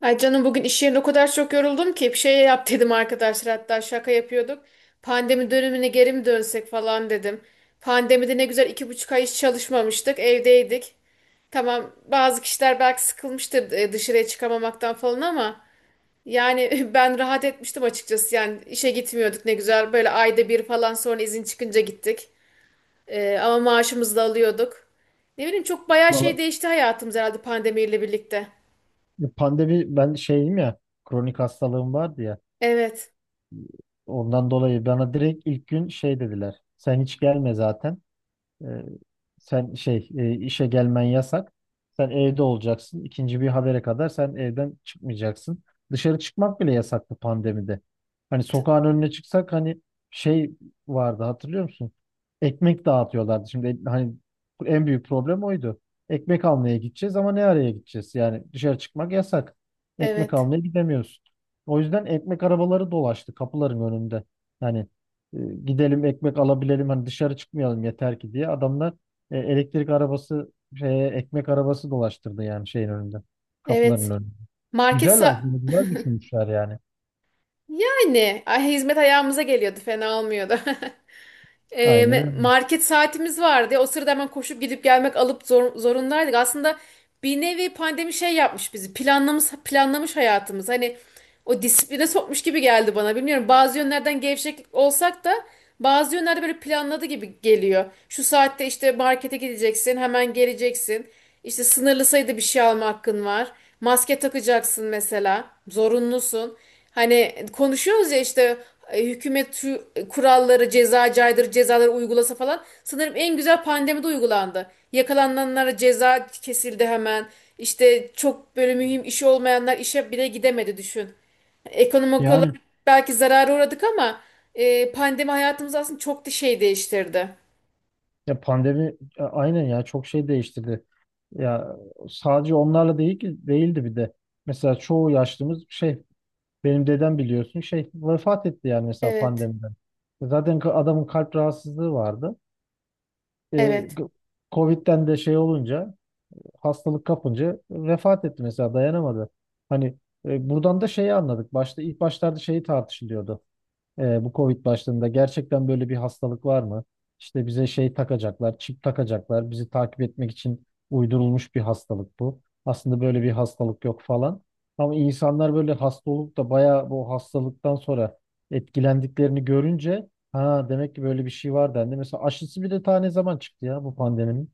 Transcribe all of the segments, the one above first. Ay canım bugün iş yerinde o kadar çok yoruldum ki bir şey yap dedim arkadaşlar hatta şaka yapıyorduk. Pandemi dönemine geri mi dönsek falan dedim. Pandemide ne güzel 2,5 ay hiç çalışmamıştık evdeydik. Tamam bazı kişiler belki sıkılmıştır dışarıya çıkamamaktan falan ama yani ben rahat etmiştim açıkçası. Yani işe gitmiyorduk ne güzel böyle ayda bir falan sonra izin çıkınca gittik. Ama maaşımızı da alıyorduk. Ne bileyim çok bayağı şey Valla, değişti hayatımız herhalde pandemiyle birlikte. pandemi ben şeyim ya, kronik hastalığım vardı ya, Evet. ondan dolayı bana direkt ilk gün şey dediler, sen hiç gelme zaten. E, Sen şey işe gelmen yasak. Sen evde olacaksın. İkinci bir habere kadar sen evden çıkmayacaksın. Dışarı çıkmak bile yasaktı pandemide. Hani t- sokağın önüne çıksak hani şey vardı, hatırlıyor musun? Ekmek dağıtıyorlardı. Şimdi hani en büyük problem oydu. Ekmek almaya gideceğiz ama ne araya gideceğiz? Yani dışarı çıkmak yasak. Ekmek Evet. almaya gidemiyorsun. O yüzden ekmek arabaları dolaştı kapıların önünde. Yani e, gidelim ekmek alabilelim hani dışarı çıkmayalım yeter ki diye adamlar elektrik arabası şeye, ekmek arabası dolaştırdı yani şeyin önünde, kapıların Evet. önünde. Market Güzel, sa- aslında güzel düşünmüşler yani. Yani ay, hizmet ayağımıza geliyordu. Fena olmuyordu. Aynen öyle. Market saatimiz vardı. O sırada hemen koşup gidip gelmek alıp zorundaydık. Aslında bir nevi pandemi şey yapmış bizi. Planlamış planlamış hayatımız. Hani o disipline sokmuş gibi geldi bana. Bilmiyorum bazı yönlerden gevşek olsak da bazı yönlerde böyle planladı gibi geliyor. Şu saatte işte markete gideceksin, hemen geleceksin. İşte sınırlı sayıda bir şey alma hakkın var. Maske takacaksın mesela. Zorunlusun. Hani konuşuyoruz ya işte hükümet şu kuralları, ceza caydırıcı cezaları uygulasa falan. Sanırım en güzel pandemide uygulandı. Yakalananlara ceza kesildi hemen. İşte çok böyle mühim işi olmayanlar işe bile gidemedi düşün. Ekonomik olarak Yani belki zarara uğradık ama pandemi hayatımızı aslında çok da şey değiştirdi. ya pandemi aynen ya çok şey değiştirdi. Ya sadece onlarla değil ki değildi bir de. Mesela çoğu yaşlımız şey, benim dedem biliyorsun şey vefat etti yani, mesela Evet, pandemiden. Zaten adamın kalp rahatsızlığı vardı. E, evet. g- Covid'den de şey olunca, hastalık kapınca vefat etti mesela, dayanamadı. Hani buradan da şeyi anladık. Başta, ilk başlarda şeyi tartışılıyordu. Bu Covid başladığında gerçekten böyle bir hastalık var mı? İşte bize şey takacaklar, çip takacaklar. Bizi takip etmek için uydurulmuş bir hastalık bu. Aslında böyle bir hastalık yok falan. Ama insanlar böyle hasta olup da bayağı bu hastalıktan sonra etkilendiklerini görünce, ha demek ki böyle bir şey var dendi. Mesela aşısı bir de tane zaman çıktı ya bu pandeminin.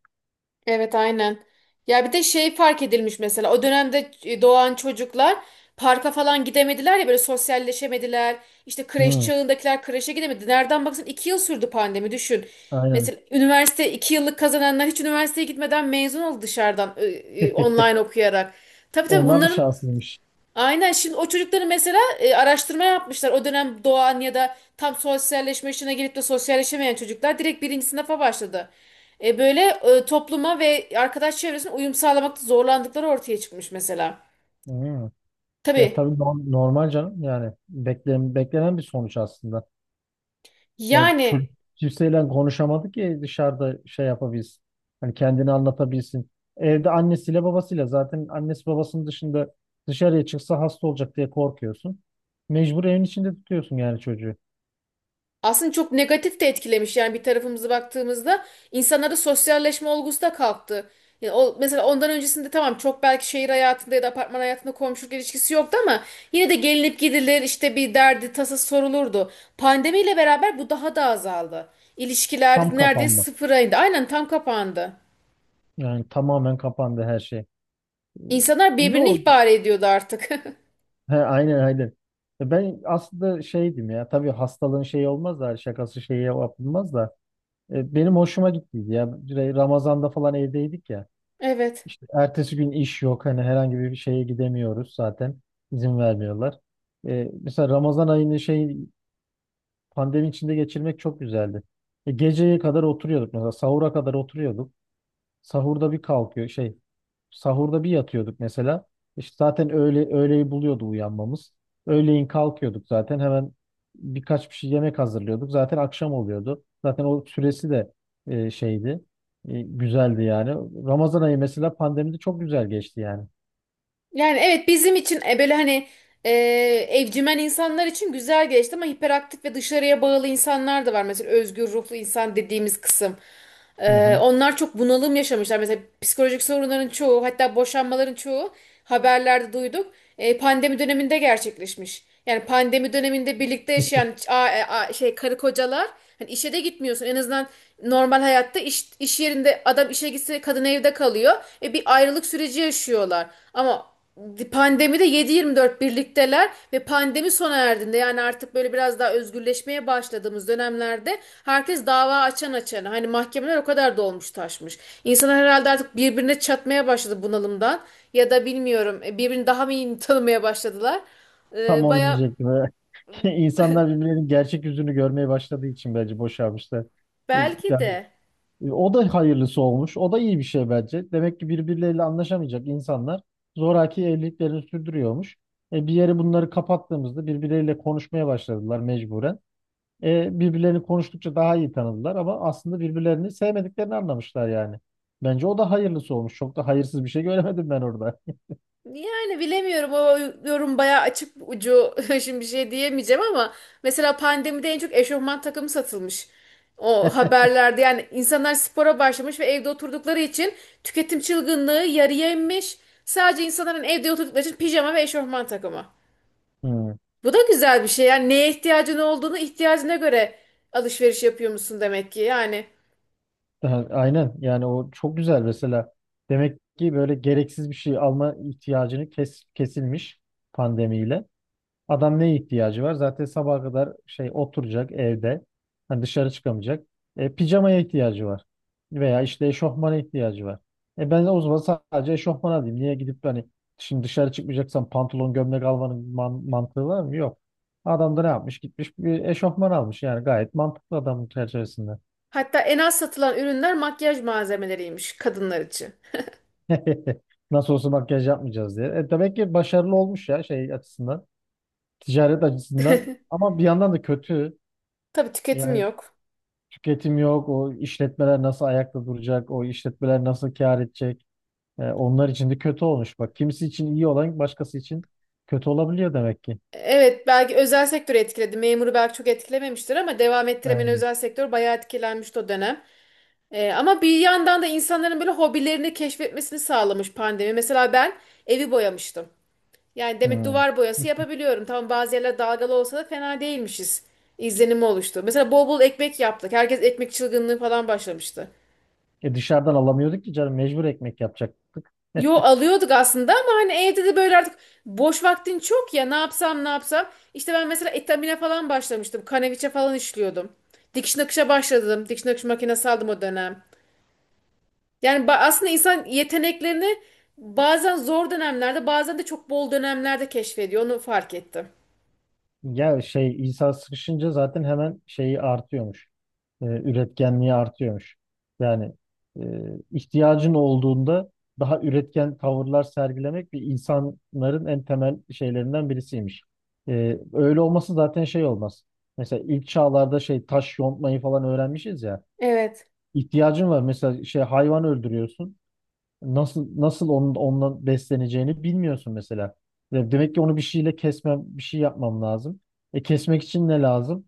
Evet aynen. Ya bir de şey fark edilmiş mesela o dönemde doğan çocuklar parka falan gidemediler ya böyle sosyalleşemediler. İşte kreş Hı, çağındakiler kreşe gidemedi. Nereden baksan 2 yıl sürdü pandemi düşün. aynen. Mesela üniversite 2 yıllık kazananlar hiç üniversiteye gitmeden mezun oldu dışarıdan online okuyarak. Tabii tabii Onlar da bunların. şanslıymış. Aynen şimdi o çocukları mesela araştırma yapmışlar. O dönem doğan ya da tam sosyalleşme yaşına gelip de sosyalleşemeyen çocuklar direkt birinci sınıfa başladı. Böyle topluma ve arkadaş çevresine uyum sağlamakta zorlandıkları ortaya çıkmış mesela. Hmm. Ya Tabii, tabii normal canım, yani beklenen, bir sonuç aslında. Yani yani çocuk kimseyle konuşamadı ki dışarıda şey yapabilsin. Hani kendini anlatabilsin. Evde annesiyle babasıyla, zaten annesi babasının dışında dışarıya çıksa hasta olacak diye korkuyorsun. Mecbur evin içinde tutuyorsun yani çocuğu. aslında çok negatif de etkilemiş yani bir tarafımıza baktığımızda insanlarda sosyalleşme olgusu da kalktı. Yani o, mesela ondan öncesinde tamam çok belki şehir hayatında ya da apartman hayatında komşuluk ilişkisi yoktu ama yine de gelinip gidilir işte bir derdi tasası sorulurdu. Pandemiyle beraber bu daha da azaldı. İlişkiler Tam neredeyse kapanma. sıfıra indi. Aynen tam kapandı. Yani tamamen kapandı her şey. Ee, İnsanlar İyi birbirini oldu. ihbar ediyordu artık. He, aynen, aynen. Ben aslında şeydim ya, tabii hastalığın şeyi olmaz da, şakası şeyi yapılmaz da benim hoşuma gittiydi ya. Ramazan'da falan evdeydik ya. Evet. İşte ertesi gün iş yok, hani herhangi bir şeye gidemiyoruz zaten, izin vermiyorlar. Mesela Ramazan ayını şey, pandemi içinde geçirmek çok güzeldi. Geceye kadar oturuyorduk mesela, sahura kadar oturuyorduk. Sahurda bir kalkıyor şey, sahurda bir yatıyorduk mesela. İşte zaten öğleyi buluyordu uyanmamız. Öğleyin kalkıyorduk zaten, hemen birkaç bir şey yemek hazırlıyorduk. Zaten akşam oluyordu. Zaten o süresi de şeydi. Güzeldi yani. Ramazan ayı mesela pandemide çok güzel geçti yani. Yani evet bizim için böyle hani e, evcimen insanlar için güzel geçti ama hiperaktif ve dışarıya bağlı insanlar da var. Mesela özgür ruhlu insan dediğimiz kısım. Hı hı. Onlar çok bunalım yaşamışlar. Mesela psikolojik sorunların çoğu hatta boşanmaların çoğu haberlerde duyduk. Pandemi döneminde gerçekleşmiş. Yani pandemi döneminde birlikte yaşayan karı kocalar hani işe de gitmiyorsun. En azından normal hayatta iş yerinde adam işe gitse kadın evde kalıyor. Bir ayrılık süreci yaşıyorlar. Ama pandemide 7-24 birlikteler ve pandemi sona erdiğinde yani artık böyle biraz daha özgürleşmeye başladığımız dönemlerde herkes dava açan açana hani mahkemeler o kadar dolmuş taşmış. İnsanlar herhalde artık birbirine çatmaya başladı bunalımdan ya da bilmiyorum birbirini daha mı iyi tanımaya başladılar. Tam onu Baya diyecektim. İnsanlar birbirlerinin gerçek yüzünü görmeye başladığı için bence boşalmışlar. E, belki Yani de o da hayırlısı olmuş. O da iyi bir şey bence. Demek ki birbirleriyle anlaşamayacak insanlar zoraki evliliklerini sürdürüyormuş. Bir yere bunları kapattığımızda birbirleriyle konuşmaya başladılar mecburen. Birbirlerini konuştukça daha iyi tanıdılar, ama aslında birbirlerini sevmediklerini anlamışlar yani. Bence o da hayırlısı olmuş. Çok da hayırsız bir şey göremedim ben orada. yani bilemiyorum o yorum baya açık ucu şimdi bir şey diyemeyeceğim ama mesela pandemide en çok eşofman takımı satılmış. O haberlerde yani insanlar spora başlamış ve evde oturdukları için tüketim çılgınlığı yarıya inmiş. Sadece insanların evde oturdukları için pijama ve eşofman takımı. Hmm. Bu da güzel bir şey. Yani neye ihtiyacın olduğunu ihtiyacına göre alışveriş yapıyor musun demek ki. Yani Ha, aynen, yani o çok güzel mesela. Demek ki böyle gereksiz bir şey alma ihtiyacını kesilmiş pandemiyle. Adam neye ihtiyacı var? Zaten sabaha kadar şey oturacak evde. Hani dışarı çıkamayacak. Pijamaya ihtiyacı var. Veya işte eşofmana ihtiyacı var. Ben o zaman sadece eşofman alayım. Niye gidip hani şimdi dışarı çıkmayacaksan pantolon gömlek almanın mantığı var mı? Yok. Adam da ne yapmış? Gitmiş bir eşofman almış. Yani gayet mantıklı adamın çerçevesinde. hatta en az satılan ürünler makyaj malzemeleriymiş kadınlar için. Nasıl olsa makyaj yapmayacağız diye. Demek ki başarılı olmuş ya şey açısından. Ticaret açısından. Ama bir yandan da kötü. Tabii tüketim Yani yok. tüketim yok. O işletmeler nasıl ayakta duracak? O işletmeler nasıl kâr edecek? Onlar için de kötü olmuş. Bak, kimisi için iyi olan başkası için kötü olabiliyor demek ki. Evet belki özel sektörü etkiledi. Memuru belki çok etkilememiştir ama devam ettiremeyen Aynen. özel sektör bayağı etkilenmişti o dönem. Ama bir yandan da insanların böyle hobilerini keşfetmesini sağlamış pandemi. Mesela ben evi boyamıştım. Yani demek Hmm. duvar boyası yapabiliyorum. Tamam bazı yerler dalgalı olsa da fena değilmişiz. İzlenimi oluştu. Mesela bol bol ekmek yaptık. Herkes ekmek çılgınlığı falan başlamıştı. Dışarıdan alamıyorduk ki canım, mecbur ekmek yapacak. Yo alıyorduk aslında ama hani evde de böyle artık boş vaktin çok ya ne yapsam ne yapsam. İşte ben mesela etamine falan başlamıştım. Kaneviçe falan işliyordum. Dikiş nakışa başladım. Dikiş nakış makinesi aldım o dönem. Yani aslında insan yeteneklerini bazen zor dönemlerde bazen de çok bol dönemlerde keşfediyor. Onu fark ettim. Ya şey İsa sıkışınca zaten hemen şeyi artıyormuş. Üretkenliği artıyormuş. Yani e, ihtiyacın olduğunda daha üretken tavırlar sergilemek bir insanların en temel şeylerinden birisiymiş. Öyle olması zaten şey olmaz. Mesela ilk çağlarda şey taş yontmayı falan öğrenmişiz ya. Evet. İhtiyacın var. Mesela şey hayvan öldürüyorsun. Nasıl, nasıl ondan besleneceğini bilmiyorsun mesela. Ya demek ki onu bir şeyle kesmem, bir şey yapmam lazım. Kesmek için ne lazım?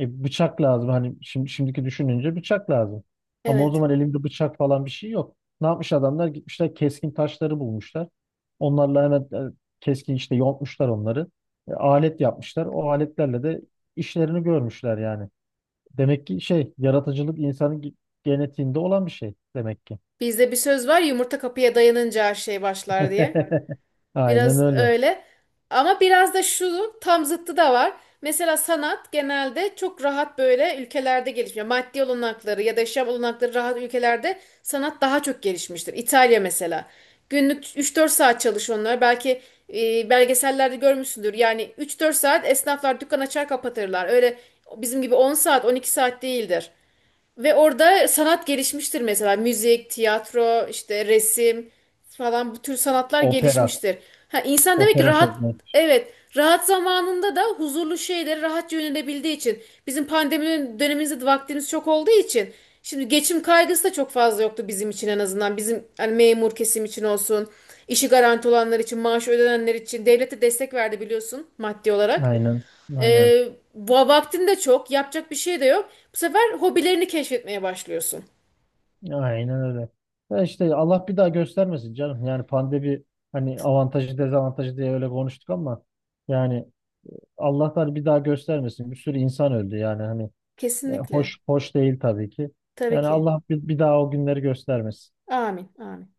Bıçak lazım. Hani şimdiki düşününce bıçak lazım. Ama o Evet. zaman elimde bıçak falan bir şey yok. Ne yapmış adamlar? Gitmişler, keskin taşları bulmuşlar. Onlarla hemen e, keskin işte yontmuşlar onları. Alet yapmışlar. O aletlerle de işlerini görmüşler yani. Demek ki şey yaratıcılık insanın genetiğinde olan bir şey demek ki. Bizde bir söz var yumurta kapıya dayanınca her şey başlar diye. Aynen Biraz öyle. öyle. Ama biraz da şu tam zıttı da var. Mesela sanat genelde çok rahat böyle ülkelerde gelişmiyor. Maddi olanakları ya da yaşam olanakları rahat ülkelerde sanat daha çok gelişmiştir. İtalya mesela. Günlük 3-4 saat çalış onlar. Belki belgesellerde görmüşsündür. Yani 3-4 saat esnaflar dükkan açar kapatırlar. Öyle bizim gibi 10 saat 12 saat değildir. Ve orada sanat gelişmiştir mesela müzik, tiyatro, işte resim falan bu tür sanatlar Opera. gelişmiştir. Ha, insan demek ki Opera rahat, çok net. evet, rahat zamanında da huzurlu şeylere rahatça yönelebildiği için bizim pandemi dönemimizde de vaktimiz çok olduğu için şimdi geçim kaygısı da çok fazla yoktu bizim için en azından bizim hani memur kesim için olsun işi garanti olanlar için maaşı ödenenler için devlete destek verdi biliyorsun maddi olarak. Aynen. Aynen. Ee, Vaktin de çok, yapacak bir şey de yok. Bu sefer hobilerini keşfetmeye başlıyorsun. Aynen öyle. Ya işte Allah bir daha göstermesin canım. Yani pandemi hani avantajı dezavantajı diye öyle konuştuk ama yani Allah, Allah'tan bir daha göstermesin. Bir sürü insan öldü yani, hani Kesinlikle. hoş, hoş değil tabii ki. Tabii Yani ki. Allah bir daha o günleri göstermesin. Amin, amin.